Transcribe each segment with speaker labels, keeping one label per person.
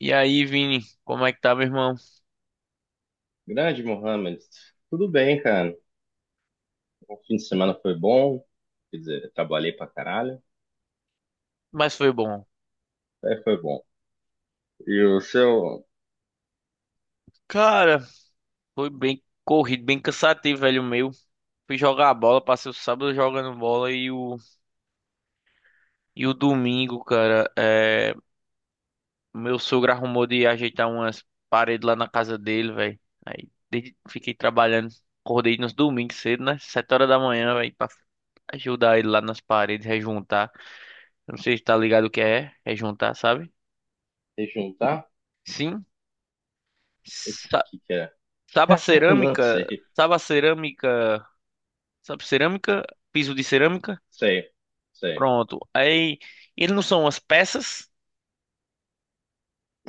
Speaker 1: E aí, Vini, como é que tá, meu irmão?
Speaker 2: Grande, Mohamed. Tudo bem, cara. O fim de semana foi bom. Quer dizer, eu trabalhei pra caralho.
Speaker 1: Mas foi bom.
Speaker 2: Aí foi bom. E o seu
Speaker 1: Cara, foi bem corrido, bem cansativo, velho, o meu. Fui jogar a bola, passei o sábado jogando bola e o domingo, cara, meu sogro arrumou de ajeitar umas paredes lá na casa dele, velho. Fiquei trabalhando, acordei nos domingos cedo, né? 7 horas da manhã, velho, pra ajudar ele lá nas paredes, rejuntar. Eu não sei se tá ligado o que é, rejuntar, sabe?
Speaker 2: rejuntar? O
Speaker 1: Sim. Sa-
Speaker 2: que que é?
Speaker 1: Sabe a
Speaker 2: Não
Speaker 1: cerâmica?
Speaker 2: sei.
Speaker 1: Sabe a cerâmica? Sabe, cerâmica, piso de cerâmica.
Speaker 2: Sei. Sei.
Speaker 1: Pronto. Aí, eles não são as peças.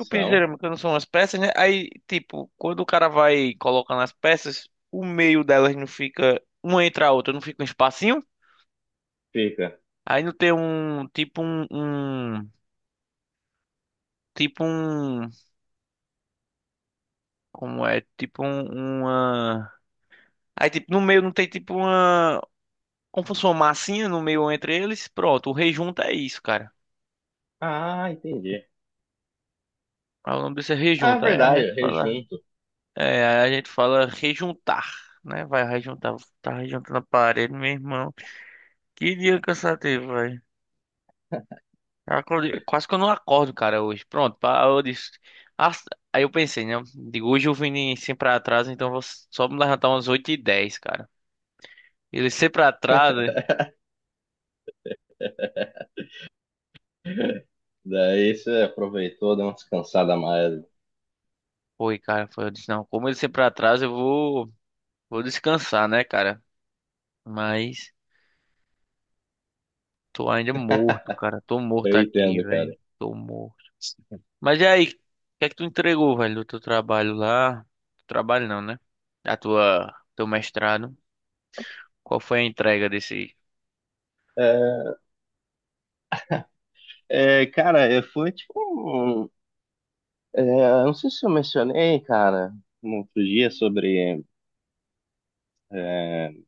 Speaker 1: O piso de cerâmica não são as peças, né? Aí, tipo, quando o cara vai colocando as peças, o meio delas não fica uma entre a outra, não fica um espacinho.
Speaker 2: Fica.
Speaker 1: Aí não tem um, tipo um, tipo um, como é? Tipo um, uma... Aí, tipo, no meio não tem tipo uma, como se fosse uma massinha no meio entre eles. Pronto, o rejunta é isso, cara.
Speaker 2: Ah, entendi.
Speaker 1: Aí o nome disso é
Speaker 2: Ah,
Speaker 1: rejunta. Aí a
Speaker 2: verdade.
Speaker 1: gente fala
Speaker 2: Rejunto.
Speaker 1: É, aí a gente fala rejuntar, né? Vai rejuntar, tá rejuntando a parede, meu irmão. Que dia cansativo, velho. Quase que eu não acordo, cara, hoje. Pronto, pá, eu disse. Ah, aí eu pensei, né? Digo, hoje eu vim sempre atraso, então eu vou só me levantar umas 8:10, cara. Ele sempre atrasa.
Speaker 2: Daí você aproveitou, deu uma descansada a mais.
Speaker 1: Foi, cara, foi. Eu disse, não, como ele sempre atrasa, eu vou descansar, né, cara? Mas. Tô ainda morto, cara. Tô
Speaker 2: Eu
Speaker 1: morto aqui,
Speaker 2: entendo,
Speaker 1: velho.
Speaker 2: cara.
Speaker 1: Tô morto. Mas e aí? O que é que tu entregou, velho, do teu trabalho lá? Trabalho não, né? Teu mestrado. Qual foi a entrega desse?
Speaker 2: É, é, cara, foi tipo. É, eu não sei se eu mencionei, cara, no outro dia sobre, é,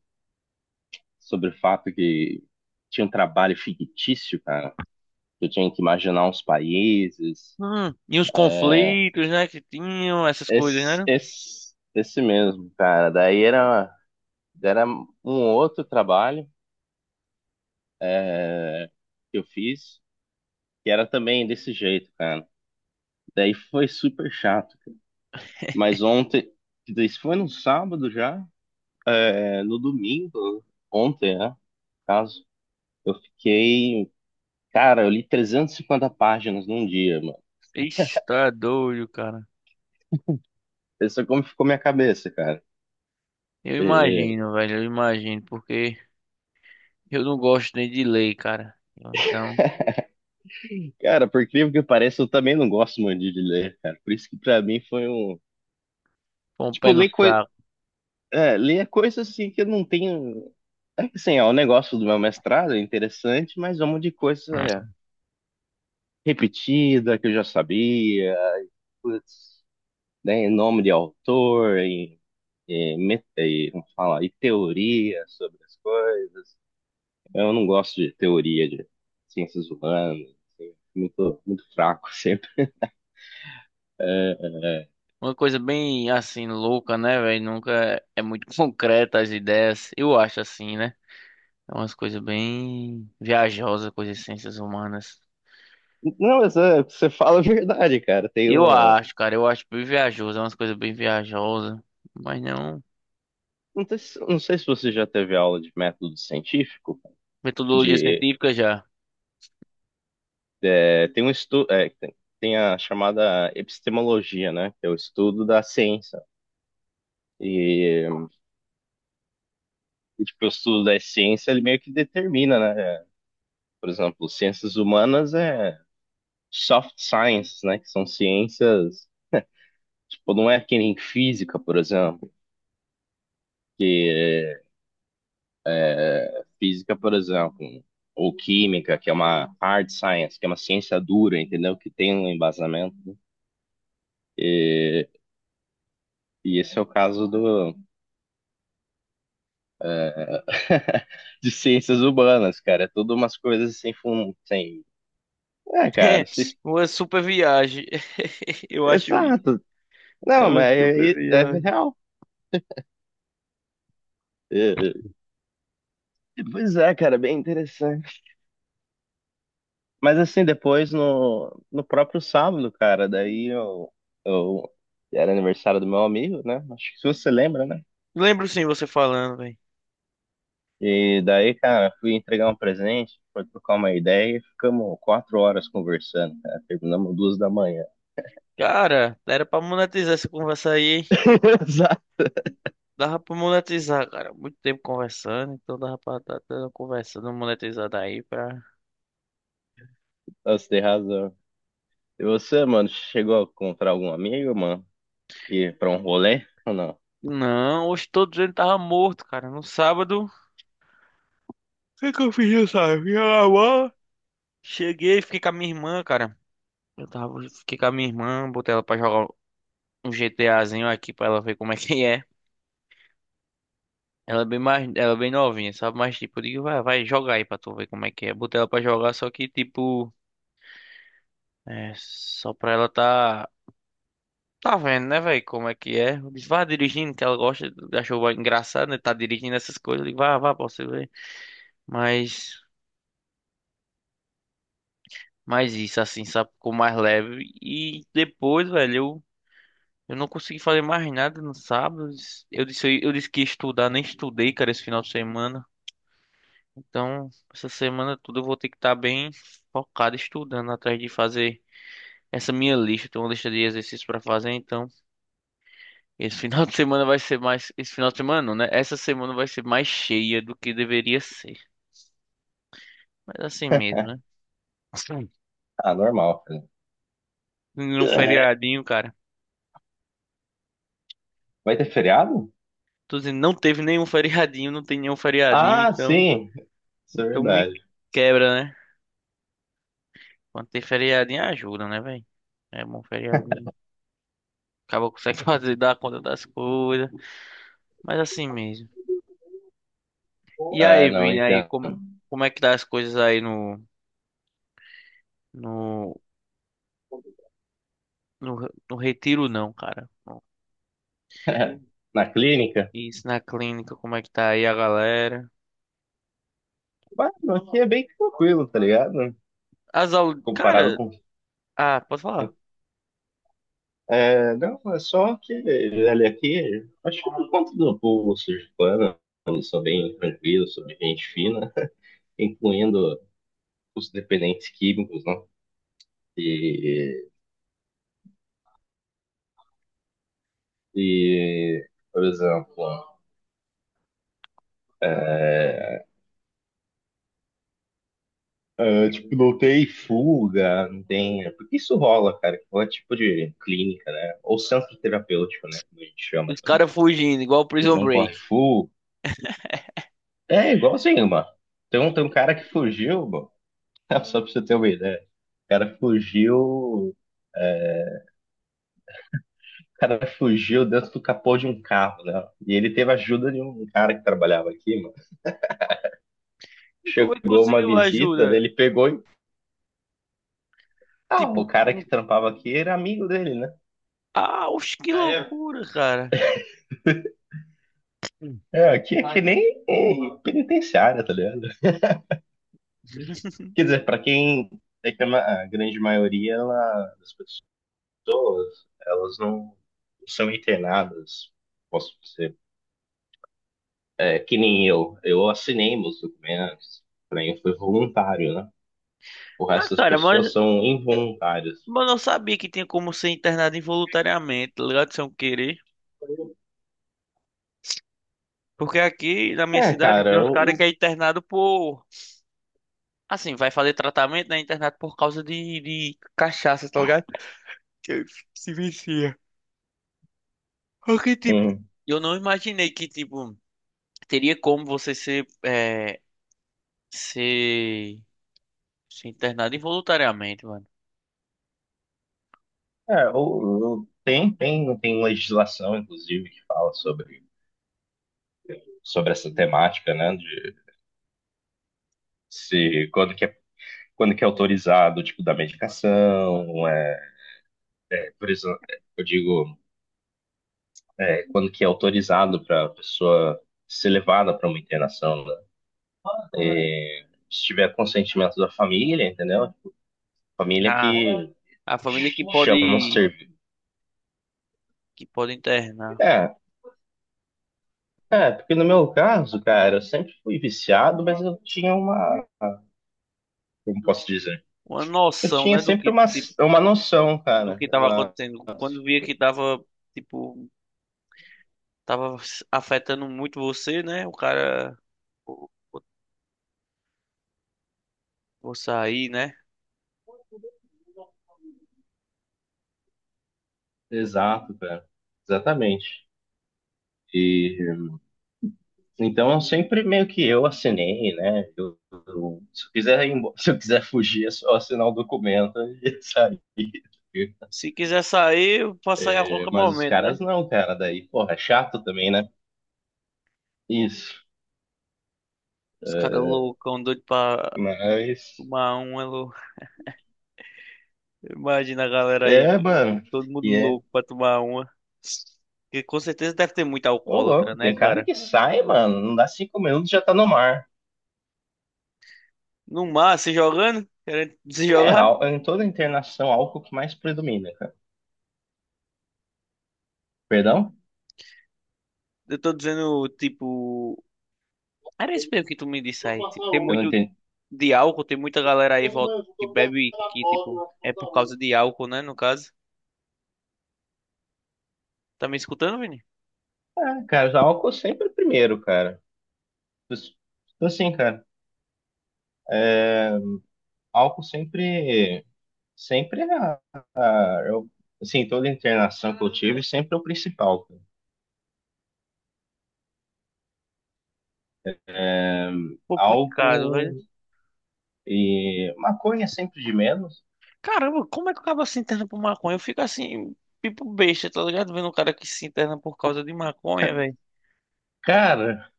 Speaker 2: sobre o fato que tinha um trabalho fictício, cara. Que eu tinha que imaginar uns países.
Speaker 1: E os conflitos, né, que tinham, essas coisas,
Speaker 2: Esse,
Speaker 1: né?
Speaker 2: esse, esse mesmo, cara. Daí era um outro trabalho é, que eu fiz, que era também desse jeito, cara. Daí foi super chato. Mas ontem, isso foi no sábado já, é, no domingo, ontem, né? No caso, eu fiquei. Cara, eu li 350 páginas num dia, mano.
Speaker 1: Ixi, tá doido, cara.
Speaker 2: Pensa como ficou minha cabeça, cara.
Speaker 1: Eu
Speaker 2: E,
Speaker 1: imagino, velho, eu imagino, porque eu não gosto nem de lei, cara. Então,
Speaker 2: cara, por incrível que pareça, eu também não gosto muito de ler, cara. Por isso que pra mim foi um.
Speaker 1: foi um
Speaker 2: Tipo,
Speaker 1: pé no saco.
Speaker 2: ler coisas assim que eu não tenho. É que assim, é o negócio do meu mestrado, é interessante, mas é um monte de coisa repetida que eu já sabia, putz, né, em nome de autor, e, como fala, e teoria sobre as coisas. Eu não gosto de teoria de ciências humanas, assim, muito, muito fraco sempre. É.
Speaker 1: Uma coisa bem assim louca, né, velho? Nunca é muito concreta as ideias. Eu acho assim, né? É umas coisas bem viajosas coisas as ciências humanas.
Speaker 2: Não, mas é, você fala é verdade, cara. Tem
Speaker 1: Eu
Speaker 2: um.
Speaker 1: acho, cara, eu acho bem viajoso, é umas coisas bem viajosas, mas não
Speaker 2: Não sei, não sei se você já teve aula de método científico,
Speaker 1: metodologia
Speaker 2: de
Speaker 1: científica já.
Speaker 2: é, tem um estudo, tem a chamada epistemologia, né? Que é o estudo da ciência. E, e, tipo, o estudo da ciência, ele meio que determina, né? Por exemplo, ciências humanas é soft science, né? Que são ciências. Tipo, não é que nem física, por exemplo. Física, por exemplo, ou química, que é uma hard science, que é uma ciência dura, entendeu? Que tem um embasamento, né? E, e esse é o caso do, de ciências humanas, cara. É tudo umas coisas sem fundo, sem... É, cara,
Speaker 1: É uma super viagem. Eu acho isso.
Speaker 2: exato.
Speaker 1: É
Speaker 2: Não,
Speaker 1: uma
Speaker 2: mas
Speaker 1: super
Speaker 2: é, é
Speaker 1: viagem.
Speaker 2: real. É, é. Pois é, cara, bem interessante. Mas assim, depois no, próprio sábado, cara, daí eu era aniversário do meu amigo, né? Acho que você lembra, né?
Speaker 1: Lembro sim você falando, velho.
Speaker 2: E daí, cara, fui entregar um presente, foi trocar uma ideia e ficamos 4 horas conversando, cara. Terminamos 2 da manhã.
Speaker 1: Cara, era pra monetizar essa conversa aí, hein?
Speaker 2: Exato.
Speaker 1: Dava pra monetizar, cara. Muito tempo conversando, então dava pra estar conversando, monetizada aí pra.
Speaker 2: Você tem razão. E você, mano, chegou a encontrar algum amigo, mano? Ir pra um rolê ou não?
Speaker 1: Não, hoje todos ele tava morto, cara. No sábado. O que que eu fiz sabe sábado? Lá jogar Cheguei, fiquei com a minha irmã, cara. Eu tava. Fiquei com a minha irmã, botei ela pra jogar um GTAzinho aqui pra ela ver como é que é. Ela é bem mais. Ela é bem novinha, sabe? Mas tipo, eu digo, vai, vai jogar aí pra tu ver como é que é. Botei ela pra jogar, só que tipo. É, só pra ela tá. Tá vendo, né, velho, como é que é? Eu disse, vá dirigindo, que ela gosta, achou engraçado, né, tá dirigindo essas coisas. Eu digo, vá, vá, pra você ver. Mas, mas isso, assim, sabe, ficou mais leve. E depois, velho, eu não consegui fazer mais nada no sábado. Eu disse, disse que ia estudar, nem estudei, cara, esse final de semana. Então, essa semana tudo eu vou ter que estar bem focado estudando, atrás de fazer essa minha lista. Tem uma lista de exercícios pra fazer, então... Esse final de semana vai ser mais. Esse final de semana, não, né? Essa semana vai ser mais cheia do que deveria ser. Mas assim mesmo, né? Sim.
Speaker 2: Ah, normal, cara.
Speaker 1: Nenhum feriadinho, cara.
Speaker 2: Vai ter feriado?
Speaker 1: Tô dizendo, não teve nenhum feriadinho, não tem nenhum feriadinho,
Speaker 2: Ah,
Speaker 1: então.
Speaker 2: sim, isso é
Speaker 1: Então me
Speaker 2: verdade.
Speaker 1: quebra, né? Quando tem feriadinho, ajuda, né, velho? É bom feriadinho. Acaba consegue fazer, dar conta das coisas. Mas assim mesmo. E
Speaker 2: É,
Speaker 1: aí,
Speaker 2: não,
Speaker 1: Vini, aí,
Speaker 2: entendo.
Speaker 1: como é que tá as coisas aí No. no retiro, não, cara?
Speaker 2: Na clínica.
Speaker 1: Isso na clínica, como é que tá aí a galera?
Speaker 2: Mano, aqui é bem tranquilo, tá ligado?
Speaker 1: As aulas.
Speaker 2: Comparado
Speaker 1: Cara,
Speaker 2: com.
Speaker 1: ah, posso falar?
Speaker 2: É, não, é só que, ele aqui, acho que por conta do povo sergipano, eles são bem tranquilos, são bem gente fina, incluindo os dependentes químicos, né? E, e, por exemplo, eu, tipo, não tem fuga, não tem. Porque isso rola, cara, que é tipo de clínica, né? Ou centro terapêutico, né? Como a gente chama
Speaker 1: Os
Speaker 2: também.
Speaker 1: caras fugindo, igual Prison
Speaker 2: Não corre
Speaker 1: Break.
Speaker 2: fuga. É igualzinho, mano. Tem um cara que fugiu, mano. Só pra você ter uma ideia. O cara fugiu. O cara fugiu dentro do capô de um carro, né? E ele teve a ajuda de um cara que trabalhava aqui, mano.
Speaker 1: E como é que
Speaker 2: Chegou uma
Speaker 1: conseguiu
Speaker 2: visita, né?
Speaker 1: ajuda?
Speaker 2: Ele pegou e. Ah, o
Speaker 1: Tipo,
Speaker 2: cara que
Speaker 1: um...
Speaker 2: trampava aqui era amigo dele, né?
Speaker 1: ah, oxe, que
Speaker 2: Ah, é?
Speaker 1: loucura, cara. Hum.
Speaker 2: É, aqui é que ai, nem penitenciária, tá ligado? Quer dizer, pra quem. É que a grande maioria das pessoas, elas não são internadas, posso que nem eu. Eu assinei meus documentos, pra mim foi voluntário, né? O
Speaker 1: Ah,
Speaker 2: resto das
Speaker 1: cara, mas,
Speaker 2: pessoas são involuntárias.
Speaker 1: mas eu sabia que tinha como ser internado involuntariamente, tá ligado? Sem eu querer. Porque aqui na minha
Speaker 2: É,
Speaker 1: cidade
Speaker 2: cara,
Speaker 1: tem uns caras que
Speaker 2: eu,
Speaker 1: é internado por. Assim, vai fazer tratamento, né? Internado por causa de cachaça, tá ligado? Que se vicia. Porque, tipo,
Speaker 2: hum,
Speaker 1: eu não imaginei que, tipo. Teria como você ser, ser internado involuntariamente, mano.
Speaker 2: é, tem legislação, inclusive, que fala sobre essa temática, né? De se, quando que é autorizado o tipo da medicação, é, por isso, eu digo, é, quando que é autorizado para a pessoa ser levada para uma internação, né? E, se tiver consentimento da família, entendeu? Família
Speaker 1: Ah,
Speaker 2: que
Speaker 1: a família que
Speaker 2: chama um
Speaker 1: pode,
Speaker 2: serviço.
Speaker 1: que pode internar.
Speaker 2: É, é, porque no meu caso, cara, eu sempre fui viciado, mas eu tinha uma. Como posso dizer?
Speaker 1: Uma
Speaker 2: Eu
Speaker 1: noção,
Speaker 2: tinha
Speaker 1: né, do
Speaker 2: sempre
Speaker 1: que,
Speaker 2: uma,
Speaker 1: tipo,
Speaker 2: uma noção,
Speaker 1: do
Speaker 2: cara.
Speaker 1: que tava acontecendo. Quando via que tava, tipo, tava afetando muito você, né, o cara, vou, vou vou sair, né.
Speaker 2: Exato, cara. Exatamente. E então eu sempre meio que eu assinei, né? Eu- se eu quiser ir embo- se eu quiser fugir, é só assinar o documento e sair.
Speaker 1: Se quiser sair, eu posso sair a
Speaker 2: É,
Speaker 1: qualquer
Speaker 2: mas os
Speaker 1: momento, né.
Speaker 2: caras não, cara. Daí, porra, é chato também, né? Isso.
Speaker 1: Os caras
Speaker 2: é,
Speaker 1: loucão, doido pra
Speaker 2: Mas.
Speaker 1: tomar uma. Imagina a galera
Speaker 2: É,
Speaker 1: aí,
Speaker 2: mano.
Speaker 1: todo mundo
Speaker 2: E é.
Speaker 1: louco pra tomar uma. Que com certeza deve ter muito
Speaker 2: Ô,
Speaker 1: alcoólatra,
Speaker 2: louco,
Speaker 1: né,
Speaker 2: tem cara
Speaker 1: cara?
Speaker 2: que sai, mano. Não dá 5 minutos já tá no mar.
Speaker 1: No mar, se jogando, querendo se
Speaker 2: É,
Speaker 1: jogar.
Speaker 2: em toda internação, álcool que mais predomina, cara. Perdão?
Speaker 1: Eu tô dizendo, tipo. Era isso mesmo que tu me disse aí. Tipo, tem
Speaker 2: Eu não
Speaker 1: muito
Speaker 2: entendi.
Speaker 1: de álcool, tem muita galera aí volta, que bebe que, tipo, é por causa de álcool, né, no caso. Tá me escutando, Vini?
Speaker 2: É, cara, já álcool sempre é primeiro, cara. Então, assim, cara, álcool sempre. Sempre é a, eu, assim, toda internação que eu tive sempre é o principal, cara.
Speaker 1: Complicado, velho.
Speaker 2: Álcool e maconha é sempre de menos.
Speaker 1: Caramba, como é que o cara se interna por maconha? Eu fico assim, tipo besta, tá ligado? Vendo um cara que se interna por causa de maconha,
Speaker 2: Ca-
Speaker 1: velho.
Speaker 2: Cara,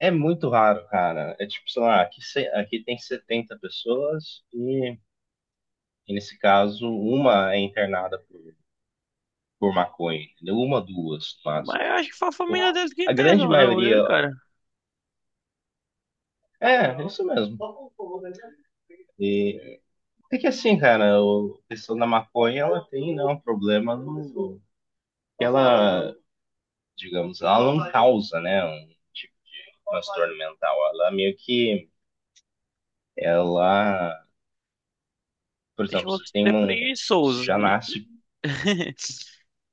Speaker 2: É muito raro, cara. É tipo, sei lá, aqui, aqui tem 70 pessoas e nesse caso, uma é internada por maconha, entendeu? Uma, duas, mas
Speaker 1: Mas eu acho que foi a família deles que
Speaker 2: a grande
Speaker 1: internou, não ele,
Speaker 2: maioria.
Speaker 1: cara.
Speaker 2: É, é isso mesmo. E, é que assim, cara, a questão da maconha, ela tem, né, um problema no, que ela, digamos, ela não causa, né, um tipo de transtorno mental. Ela meio que, ela, por
Speaker 1: Deixa
Speaker 2: exemplo, você
Speaker 1: você
Speaker 2: tem
Speaker 1: ser
Speaker 2: um, você
Speaker 1: preguiçoso.
Speaker 2: já nasce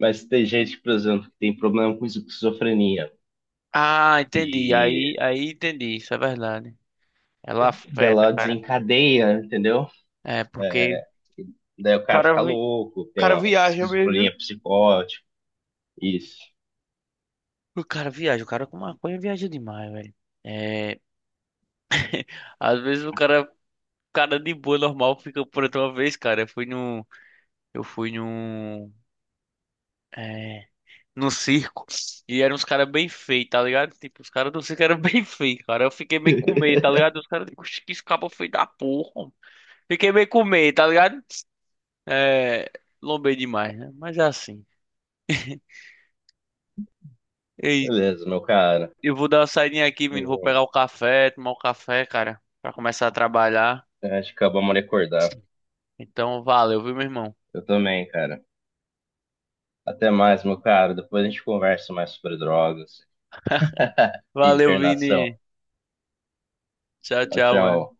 Speaker 2: Mas tem gente, por exemplo, que tem problema com esquizofrenia.
Speaker 1: Ah, entendi. Aí,
Speaker 2: E
Speaker 1: aí entendi. Isso é verdade. Ela afeta,
Speaker 2: dela
Speaker 1: cara.
Speaker 2: desencadeia, entendeu?
Speaker 1: É, porque
Speaker 2: Daí o
Speaker 1: o
Speaker 2: cara fica
Speaker 1: cara, o
Speaker 2: louco, tem
Speaker 1: cara
Speaker 2: uma
Speaker 1: viaja mesmo, viu?
Speaker 2: esquizofrenia psicótica. Isso.
Speaker 1: O cara viaja. O cara com maconha viaja demais, velho. É, às vezes o cara, cara de boa, normal, fica por outra vez, cara. Eu fui num, é, no circo. E eram uns caras bem feios, tá ligado? Tipo, os caras do circo eram bem feios, cara. Eu fiquei meio com medo, tá ligado? Os caras, tipo, "Oxe, que esse cabo é feio da porra, homem." Fiquei meio com medo, tá ligado? É, lombei demais, né? Mas é assim. Ei,
Speaker 2: Beleza, meu cara.
Speaker 1: eu vou dar uma saidinha aqui, menino. Vou
Speaker 2: Eu-
Speaker 1: pegar o café, tomar o café, cara, pra começar a trabalhar.
Speaker 2: Acho que acabamos de acordar.
Speaker 1: Então, valeu, viu, meu irmão?
Speaker 2: Eu também, cara. Até mais, meu cara. Depois a gente conversa mais sobre drogas e
Speaker 1: Valeu,
Speaker 2: internação.
Speaker 1: Vini. Tchau,
Speaker 2: Tchau,
Speaker 1: tchau,
Speaker 2: tchau.
Speaker 1: mano.